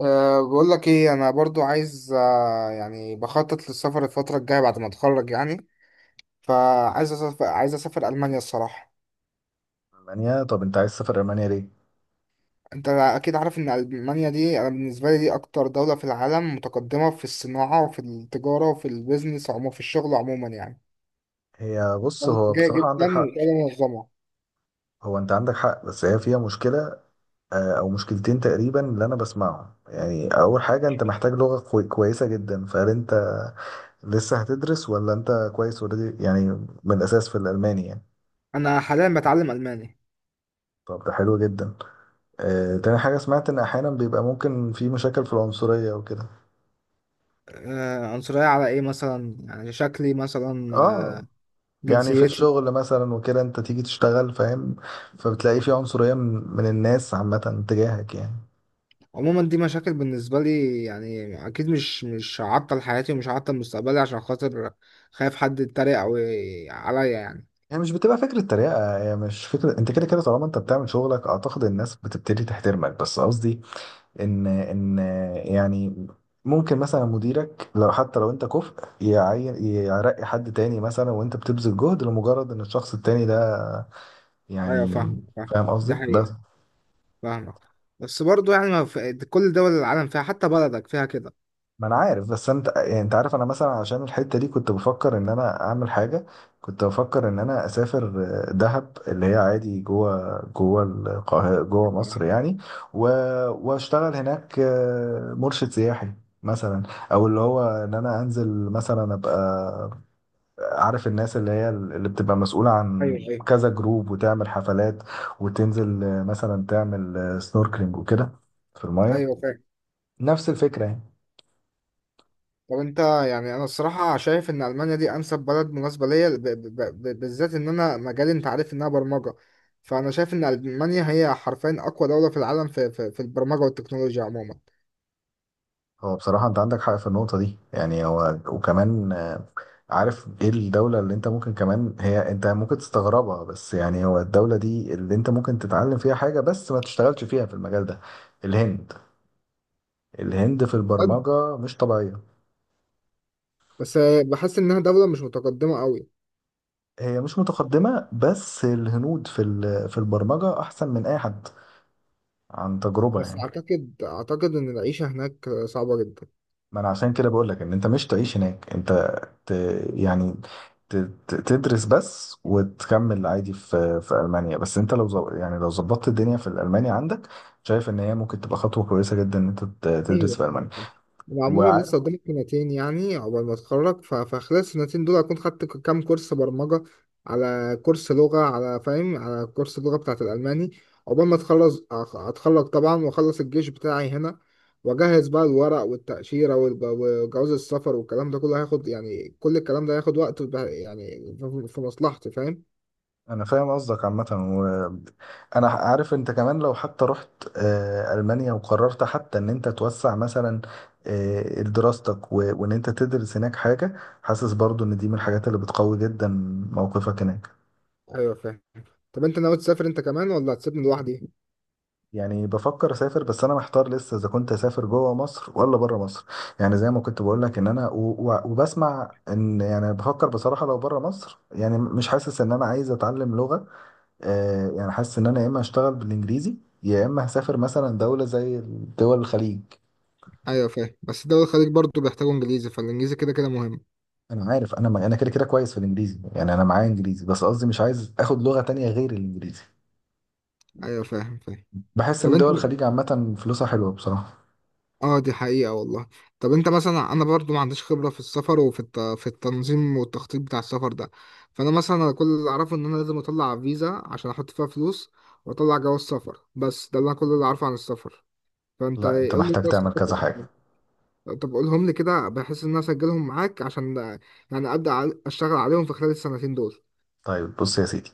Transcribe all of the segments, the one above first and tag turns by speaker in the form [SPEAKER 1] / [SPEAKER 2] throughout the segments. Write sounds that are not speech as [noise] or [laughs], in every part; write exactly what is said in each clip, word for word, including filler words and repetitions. [SPEAKER 1] أه بقول لك ايه؟ انا برضو عايز، أه يعني بخطط للسفر الفتره الجايه بعد ما اتخرج يعني. فعايز اسافر، عايز اسافر المانيا الصراحه.
[SPEAKER 2] ألمانيا. طب أنت عايز تسافر ألمانيا ليه؟
[SPEAKER 1] انت اكيد عارف ان المانيا دي، انا بالنسبه لي دي اكتر دوله في العالم متقدمه في الصناعه وفي التجاره وفي البيزنس عموما، في الشغل عموما يعني.
[SPEAKER 2] هي بص،
[SPEAKER 1] بلد
[SPEAKER 2] هو
[SPEAKER 1] جايه
[SPEAKER 2] بصراحة عندك
[SPEAKER 1] جدا
[SPEAKER 2] حق.
[SPEAKER 1] وبلد منظمه.
[SPEAKER 2] هو أنت عندك حق بس هي فيها مشكلة. آه، أو مشكلتين تقريبا اللي أنا بسمعهم، يعني أول حاجة أنت محتاج لغة كوي- كويسة جدا. فهل أنت لسه هتدرس ولا أنت كويس أوريدي يعني من الأساس في الألماني يعني؟
[SPEAKER 1] انا حاليا بتعلم الماني.
[SPEAKER 2] طب ده حلو جدا. آه، تاني حاجة سمعت إن أحيانا بيبقى ممكن في مشاكل في العنصرية وكده.
[SPEAKER 1] أه عنصريه على ايه مثلا؟ يعني شكلي مثلا؟ آه،
[SPEAKER 2] آه، يعني في
[SPEAKER 1] جنسيتي؟
[SPEAKER 2] الشغل مثلا وكده أنت تيجي تشتغل، فاهم؟ فبتلاقي في عنصرية من من الناس عامة تجاهك يعني.
[SPEAKER 1] عموما دي مشاكل بالنسبة لي يعني، أكيد مش مش هعطل حياتي ومش هعطل مستقبلي عشان خاطر خايف حد يتريق أو ي- عليا يعني.
[SPEAKER 2] هي مش بتبقى فكرة تريقة، هي مش فكرة، انت كده كده طالما انت بتعمل شغلك اعتقد الناس بتبتدي تحترمك. بس قصدي ان ان يعني ممكن مثلا مديرك لو حتى لو انت كفء يعين يرقي حد تاني مثلا وانت بتبذل جهد لمجرد ان الشخص التاني ده
[SPEAKER 1] أيوة
[SPEAKER 2] يعني.
[SPEAKER 1] فاهمك، فاهم.
[SPEAKER 2] فاهم
[SPEAKER 1] دي
[SPEAKER 2] قصدي؟ بس
[SPEAKER 1] حقيقة. فاهمك. بس برضو يعني، ما في كل دول العالم فيها، حتى بلدك فيها كده.
[SPEAKER 2] ما انا عارف. بس انت يعني انت عارف انا مثلا عشان الحته دي كنت بفكر ان انا اعمل حاجه. كنت بفكر ان انا اسافر آه، دهب، اللي هي عادي جوه جوه القاهره، جوه
[SPEAKER 1] أيوة.
[SPEAKER 2] مصر يعني. و... واشتغل هناك آه، مرشد سياحي مثلا. او اللي هو ان انا انزل مثلا ابقى عارف الناس اللي هي اللي بتبقى مسؤوله عن
[SPEAKER 1] أيوة.
[SPEAKER 2] كذا جروب وتعمل حفلات، وتنزل آه، مثلا تعمل سنوركلينج وكده في المايه.
[SPEAKER 1] أيوة، فاهم.
[SPEAKER 2] نفس الفكره يعني.
[SPEAKER 1] طب أنت يعني، أنا الصراحة شايف إن ألمانيا دي أنسب بلد مناسبة ليا، ب- ب- ب- بالذات إن أنا مجالي، أنت عارف إنها برمجة. فأنا شايف إن ألمانيا هي حرفيا أقوى دولة في العالم في، في, في البرمجة والتكنولوجيا عموما.
[SPEAKER 2] هو بصراحة أنت عندك حق في النقطة دي يعني. هو وكمان آه، عارف إيه الدولة اللي أنت ممكن كمان هي أنت ممكن تستغربها، بس يعني هو الدولة دي اللي أنت ممكن تتعلم فيها حاجة بس ما تشتغلش فيها في المجال ده. الهند. الهند في البرمجة مش طبيعية.
[SPEAKER 1] بس بحس انها دولة مش متقدمة قوي.
[SPEAKER 2] هي مش متقدمة بس الهنود في ال- في البرمجة أحسن من أي حد. عن تجربة
[SPEAKER 1] بس
[SPEAKER 2] يعني.
[SPEAKER 1] اعتقد اعتقد ان العيشة هناك صعبة جدا.
[SPEAKER 2] ما انا عشان كده بقول لك ان انت مش تعيش هناك، انت ت... يعني ت... ت- تدرس بس وتكمل عادي في في المانيا. بس انت لو زو... يعني لو ظبطت الدنيا في الالماني، عندك شايف ان هي ممكن تبقى خطوه كويسه جدا ان انت ت- تدرس
[SPEAKER 1] ايوه.
[SPEAKER 2] في المانيا.
[SPEAKER 1] وعموما
[SPEAKER 2] وعارف
[SPEAKER 1] لسه قدامي سنتين يعني، عقبال ما اتخرج، ف- فخلال السنتين دول اكون خدت ك- كام كورس برمجة، على كورس لغة، على فاهم، على كورس اللغة بتاعت الالماني. عقبال ما اتخلص، أخ- اتخرج طبعا واخلص الجيش بتاعي هنا، واجهز بقى الورق والتأشيرة والب- وجواز السفر والكلام ده كله، هياخد يعني، كل الكلام ده هياخد وقت، وب- يعني في في مصلحتي، فاهم.
[SPEAKER 2] انا فاهم قصدك عامه. وانا عارف انت كمان لو حتى رحت آه، المانيا وقررت حتى ان انت توسع مثلا آه، دراستك و... وان انت تدرس هناك حاجه، حاسس برضو ان دي من الحاجات اللي بتقوي جدا موقفك هناك.
[SPEAKER 1] ايوه فاهم. طب انت ناوي تسافر انت كمان ولا هتسيبني لوحدي؟
[SPEAKER 2] يعني بفكر اسافر بس انا محتار لسه اذا كنت اسافر جوه مصر ولا بره مصر. يعني زي ما كنت بقول لك ان انا و... و... وبسمع ان يعني بفكر بصراحه لو بره مصر يعني مش حاسس ان انا عايز اتعلم لغه. آه يعني حاسس ان انا يا اما اشتغل بالانجليزي، يا اما هسافر مثلا دوله زي دول الخليج.
[SPEAKER 1] ايوه فاهم. بس دول الخليج برضو بيحتاجوا انجليزي، فالانجليزي كده كده مهم.
[SPEAKER 2] انا عارف. انا ما... انا كده كده كويس في الانجليزي يعني، انا معايا انجليزي، بس قصدي مش عايز اخد لغه تانية غير الانجليزي.
[SPEAKER 1] ايوه فاهم، فاهم.
[SPEAKER 2] بحس
[SPEAKER 1] طب
[SPEAKER 2] ان
[SPEAKER 1] انت،
[SPEAKER 2] دول الخليج عامه فلوسها حلوه بصراحه.
[SPEAKER 1] اه دي حقيقة والله. طب انت مثلا، انا برضو ما عنديش خبرة في السفر وفي الت... في التنظيم والتخطيط بتاع السفر ده. فانا مثلا كل اللي اعرفه، ان انا لازم اطلع فيزا عشان احط فيها فلوس واطلع جواز سفر. بس ده اللي انا، كل اللي اعرفه عن السفر، فانت
[SPEAKER 2] لا انت
[SPEAKER 1] قول لي
[SPEAKER 2] محتاج
[SPEAKER 1] بس.
[SPEAKER 2] تعمل كذا حاجه.
[SPEAKER 1] طب قولهم لي كده، بحيث ان انا اسجلهم معاك، عشان يعني ابدا ع- اشتغل عليهم في خلال السنتين
[SPEAKER 2] طيب بص يا سيدي،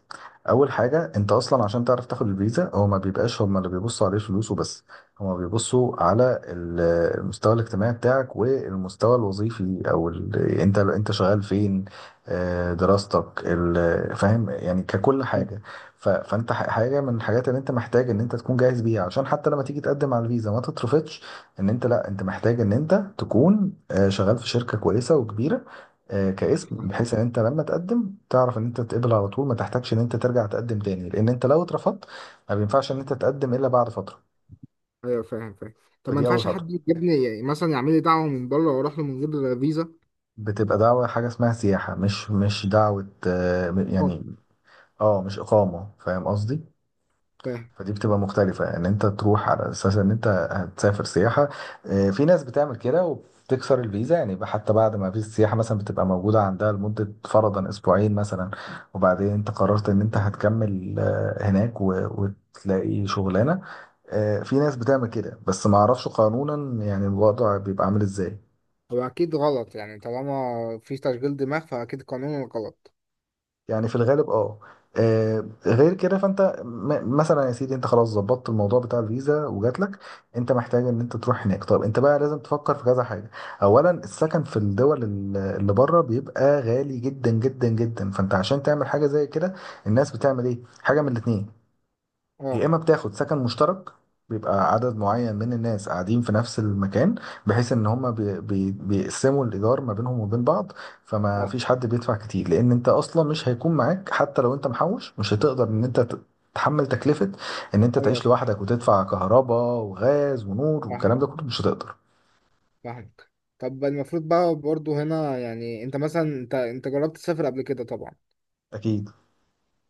[SPEAKER 2] اول حاجه انت اصلا عشان تعرف تاخد الفيزا، هو ما بيبقاش هم اللي بيبصوا عليه فلوس وبس. هم بيبصوا على ال- المستوى الاجتماعي بتاعك والمستوى الوظيفي او ال... انت انت شغال فين، آه، دراستك، ال... فاهم يعني ككل حاجه. ف... فانت ح- حاجه من الحاجات اللي انت محتاج ان انت تكون جاهز بيها عشان حتى لما تيجي تقدم على الفيزا ما تترفضش. ان انت لا، انت محتاج ان انت تكون آه، شغال في شركه كويسه وكبيره آه، كاسم،
[SPEAKER 1] دول.
[SPEAKER 2] بحيث ان انت لما تقدم تعرف ان انت تتقبل على طول ما تحتاجش ان انت ترجع تقدم تاني، لان انت لو اترفضت ما بينفعش ان انت تقدم الا بعد فتره.
[SPEAKER 1] ايوه فاهم، فاهم. طب ما
[SPEAKER 2] فدي اول
[SPEAKER 1] ينفعش
[SPEAKER 2] خطوه.
[SPEAKER 1] حد يجيبني يعني، مثلا يعمل لي دعوه من بره واروح له من غير فيزا؟
[SPEAKER 2] بتبقى دعوه، حاجه اسمها سياحه، مش مش دعوه آه،
[SPEAKER 1] طبعاً.
[SPEAKER 2] يعني. اه، مش اقامه، فاهم قصدي؟
[SPEAKER 1] فاهم.
[SPEAKER 2] فدي بتبقى مختلفة، ان انت تروح على اساس ان انت هتسافر سياحة. آه، في ناس بتعمل كده وبتكسر الفيزا، يعني يبقى حتى بعد ما فيزا السياحة مثلا بتبقى موجودة عندها لمدة فرضا اسبوعين مثلا، وبعدين انت قررت ان انت هتكمل آه، هناك و- وتلاقي شغلانة. آه، في ناس بتعمل كده بس ما اعرفش قانونا يعني الوضع بيبقى عامل ازاي.
[SPEAKER 1] هو اكيد غلط، يعني طالما في تشغيل دماغ فاكيد قانون غلط.
[SPEAKER 2] يعني في الغالب اه. آه، غير كده فانت م- مثلا، يا سيدي انت خلاص ظبطت الموضوع بتاع الفيزا وجات لك، انت محتاج ان انت تروح هناك. طب انت بقى لازم تفكر في كذا حاجه. اولا السكن في الدول ال- اللي بره بيبقى غالي جدا جدا جدا، فانت عشان تعمل حاجه زي كده الناس بتعمل ايه؟ حاجه من الاتنين، يا
[SPEAKER 1] اه.
[SPEAKER 2] اما بتاخد سكن مشترك، بيبقى عدد معين من الناس قاعدين في نفس المكان بحيث ان هما بي بي بيقسموا الايجار ما بينهم وبين بعض، فما
[SPEAKER 1] اه.
[SPEAKER 2] فيش حد بيدفع كتير. لان انت اصلا مش هيكون معاك حتى لو انت محوش، مش هتقدر ان انت ت- تحمل تكلفة ان انت
[SPEAKER 1] ايوه
[SPEAKER 2] تعيش
[SPEAKER 1] فاهم.
[SPEAKER 2] لوحدك وتدفع كهرباء وغاز ونور والكلام
[SPEAKER 1] فاهم.
[SPEAKER 2] ده كله، مش هتقدر.
[SPEAKER 1] فاهم. طب المفروض بقى برضه هنا يعني، انت مثلا انت انت جربت تسافر قبل كده طبعا.
[SPEAKER 2] اكيد.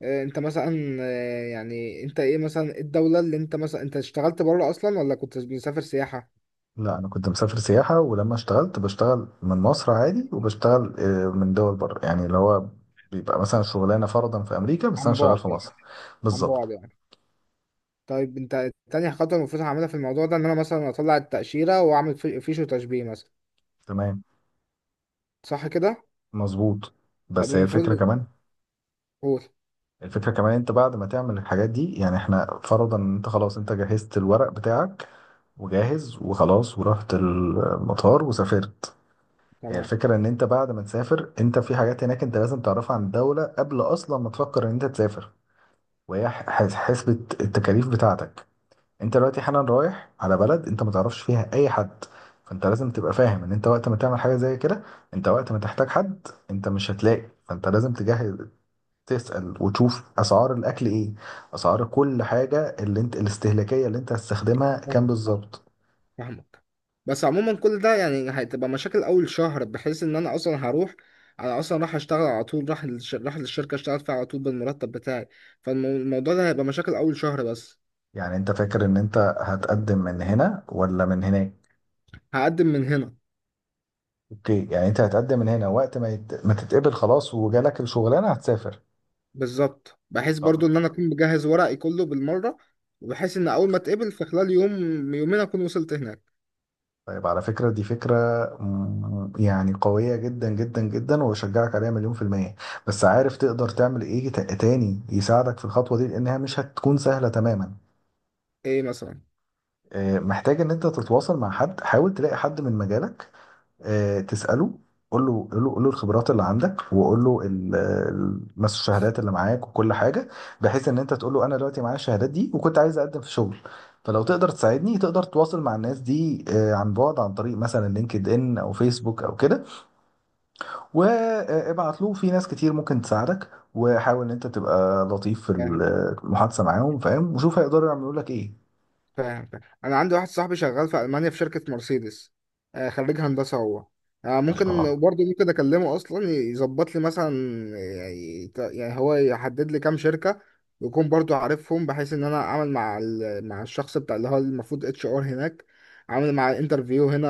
[SPEAKER 1] آه، انت مثلا، آه، يعني انت ايه مثلا، إيه الدوله اللي انت مثلا، انت اشتغلت بره اصلا ولا كنت بتسافر سياحه؟
[SPEAKER 2] لا، انا كنت مسافر سياحه. ولما اشتغلت بشتغل من مصر عادي، وبشتغل آه، من دول بره، يعني اللي هو بيبقى مثلا شغلانه فرضا في امريكا بس انا
[SPEAKER 1] عن
[SPEAKER 2] شغال
[SPEAKER 1] بعد
[SPEAKER 2] في مصر.
[SPEAKER 1] يعني. عن
[SPEAKER 2] بالظبط.
[SPEAKER 1] بعد يعني. طيب انت، تاني خطوة المفروض هعملها في الموضوع ده ان انا مثلا اطلع التأشيرة، واعمل في- فيش وتشبيه مثلا،
[SPEAKER 2] تمام.
[SPEAKER 1] صح كده؟
[SPEAKER 2] مظبوط.
[SPEAKER 1] طب
[SPEAKER 2] بس هي الفكره
[SPEAKER 1] المفروض،
[SPEAKER 2] كمان،
[SPEAKER 1] قول.
[SPEAKER 2] الفكره كمان انت بعد ما تعمل الحاجات دي، يعني احنا فرضا ان انت خلاص انت جهزت الورق بتاعك وجاهز وخلاص ورحت المطار وسافرت. هي
[SPEAKER 1] تمام.
[SPEAKER 2] الفكره ان انت بعد ما تسافر انت في حاجات هناك انت لازم تعرفها عن الدوله قبل اصلا ما تفكر ان انت تسافر. وهي ح- حس- حسبة التكاليف بتاعتك. انت دلوقتي حالا رايح على بلد انت ما تعرفش فيها اي حد، فانت لازم تبقى فاهم ان انت وقت ما تعمل حاجة زي كده انت وقت ما تحتاج حد انت مش هتلاقي. فانت لازم تجهز، تسأل وتشوف اسعار الاكل ايه، اسعار كل حاجة اللي انت الاستهلاكية اللي انت هتستخدمها كام
[SPEAKER 1] فاهم، فاهم-
[SPEAKER 2] بالظبط.
[SPEAKER 1] فاهمك. بس عموما كل ده يعني هتبقى مشاكل اول شهر، بحيث ان انا اصلا هروح، انا اصلا راح اشتغل على طول، راح للش- راح للشركة اشتغل فيها على طول بالمرتب بتاعي. فالموضوع ده هيبقى مشاكل اول شهر بس.
[SPEAKER 2] يعني انت فاكر ان انت هتقدم من هنا ولا من هناك؟
[SPEAKER 1] هقدم من هنا.
[SPEAKER 2] اوكي، يعني انت هتقدم من هنا وقت ما يت... ما تتقبل خلاص وجالك الشغلانة هتسافر.
[SPEAKER 1] بالظبط، بحيث برضو ان انا اكون مجهز ورقي كله بالمرة، وبحيث ان اول ما اتقبل في خلال يوم، يومين اكون وصلت هناك.
[SPEAKER 2] طيب، على فكرة دي فكرة، مم، يعني قوية جدا جدا جدا وأشجعك عليها مليون في المية. بس عارف تقدر تعمل إيه ت- تاني يساعدك في الخطوة دي لأنها مش هتكون سهلة تماما؟
[SPEAKER 1] ايه مثلا؟
[SPEAKER 2] آه، محتاج إن أنت تتواصل مع حد، حاول تلاقي حد من مجالك آه، تسأله. قول له قول له قول له الخبرات اللي عندك، وقول له ال- ال- مثلا الشهادات اللي معاك وكل حاجة، بحيث ان انت تقول له انا دلوقتي معايا الشهادات دي وكنت عايز اقدم في شغل، فلو تقدر تساعدني تقدر تواصل مع الناس دي آه، عن بعد، عن طريق مثلا لينكد ان او فيسبوك او كده. وابعت له في ناس كتير ممكن تساعدك، وحاول ان انت تبقى لطيف في
[SPEAKER 1] فاهم.
[SPEAKER 2] المحادثة معاهم، فاهم؟ وشوف هيقدروا يعملوا لك ايه.
[SPEAKER 1] فاهم. فاهم. انا عندي واحد صاحبي شغال في المانيا في شركه مرسيدس. آه، خريج هندسه هو. آه،
[SPEAKER 2] ما
[SPEAKER 1] ممكن
[SPEAKER 2] شاء الله.
[SPEAKER 1] برضه، ممكن اكلمه اصلا يظبط لي مثلا، يعني يعني هو يحدد لي كام شركه يكون برضه عارفهم، بحيث ان انا اعمل مع ال- مع الشخص بتاع، اللي هو المفروض اتش ار هناك، اعمل مع انترفيو هنا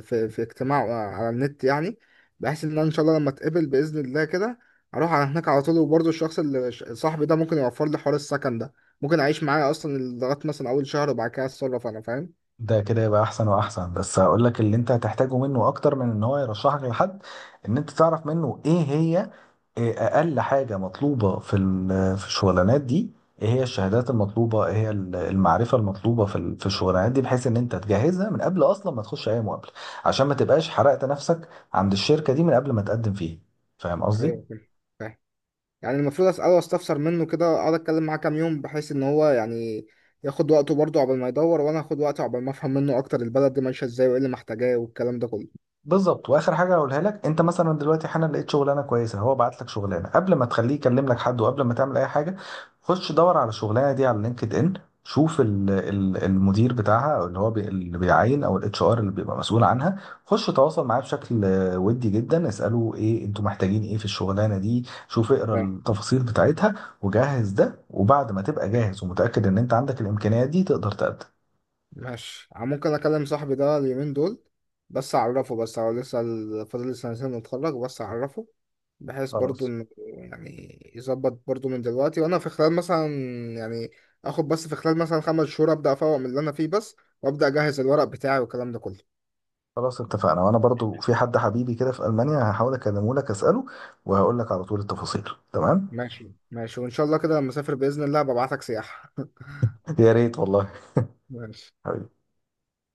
[SPEAKER 1] في في اجتماع آه، على النت يعني. بحيث ان انا ان شاء الله لما اتقبل باذن الله كده اروح على هناك على طول. وبرضه الشخص اللي صاحبي ده ممكن يوفر لي حوار السكن ده، ممكن اعيش معاه اصلا لغايه مثلا اول شهر وبعد كده اتصرف انا، فاهم.
[SPEAKER 2] ده كده يبقى احسن واحسن. بس هقول لك اللي انت هتحتاجه منه اكتر من ان هو يرشحك لحد، ان انت تعرف منه ايه هي، إيه اقل حاجه مطلوبه في ال- في الشغلانات دي، ايه هي الشهادات المطلوبه، ايه هي ال- المعرفه المطلوبه في ال- في الشغلانات دي، بحيث ان انت تجهزها من قبل اصلا ما تخش اي مقابله عشان ما تبقاش حرقت نفسك عند الشركه دي من قبل ما تقدم فيها. فاهم قصدي؟
[SPEAKER 1] ايوه فاهم، فاهم. يعني المفروض اساله واستفسر منه كده، اقعد اتكلم معاه كام يوم بحيث ان هو يعني ياخد وقته برضه عقبال ما يدور، وانا اخد وقته عقبال ما افهم منه اكتر البلد دي ماشيه ازاي وايه اللي محتاجاه والكلام ده كله.
[SPEAKER 2] بالظبط. واخر حاجه هقولها لك، انت مثلا دلوقتي حالا لقيت شغلانه كويسه، هو بعت لك شغلانه. قبل ما تخليه يكلم لك حد وقبل ما تعمل اي حاجه، خش دور على الشغلانه دي على لينكد ان، شوف ال- ال- المدير بتاعها او اللي هو بي اللي بيعين او الاتش ار اللي بيبقى مسؤول عنها. خش تواصل معاه بشكل آه، ودي جدا، اساله ايه انتوا محتاجين، ايه في الشغلانه دي، شوف اقرا
[SPEAKER 1] فاهم.
[SPEAKER 2] التفاصيل بتاعتها وجهز ده. وبعد ما تبقى
[SPEAKER 1] فاهم.
[SPEAKER 2] جاهز ومتاكد ان انت عندك الامكانيات دي تقدر تقدم.
[SPEAKER 1] ماشي، ممكن اكلم صاحبي ده اليومين دول. بس اعرفه بس، هو لسه ال- فاضل لي سنتين نتخرج، بس اعرفه بحيث برضو
[SPEAKER 2] خلاص
[SPEAKER 1] انه يعني يظبط برضو من دلوقتي وانا في خلال مثلا يعني اخد بس في خلال مثلا خمس شهور ابدا افوق من اللي انا فيه بس، وابدا اجهز الورق بتاعي والكلام ده كله.
[SPEAKER 2] خلاص اتفقنا. وانا برضو في حد حبيبي كده في المانيا هحاول اكلمه لك اساله وهقول لك على طول التفاصيل. تمام.
[SPEAKER 1] ماشي ماشي، وان شاء الله كده لما اسافر باذن الله ببعتك سياحة.
[SPEAKER 2] يا ريت والله.
[SPEAKER 1] [laughs] ماشي.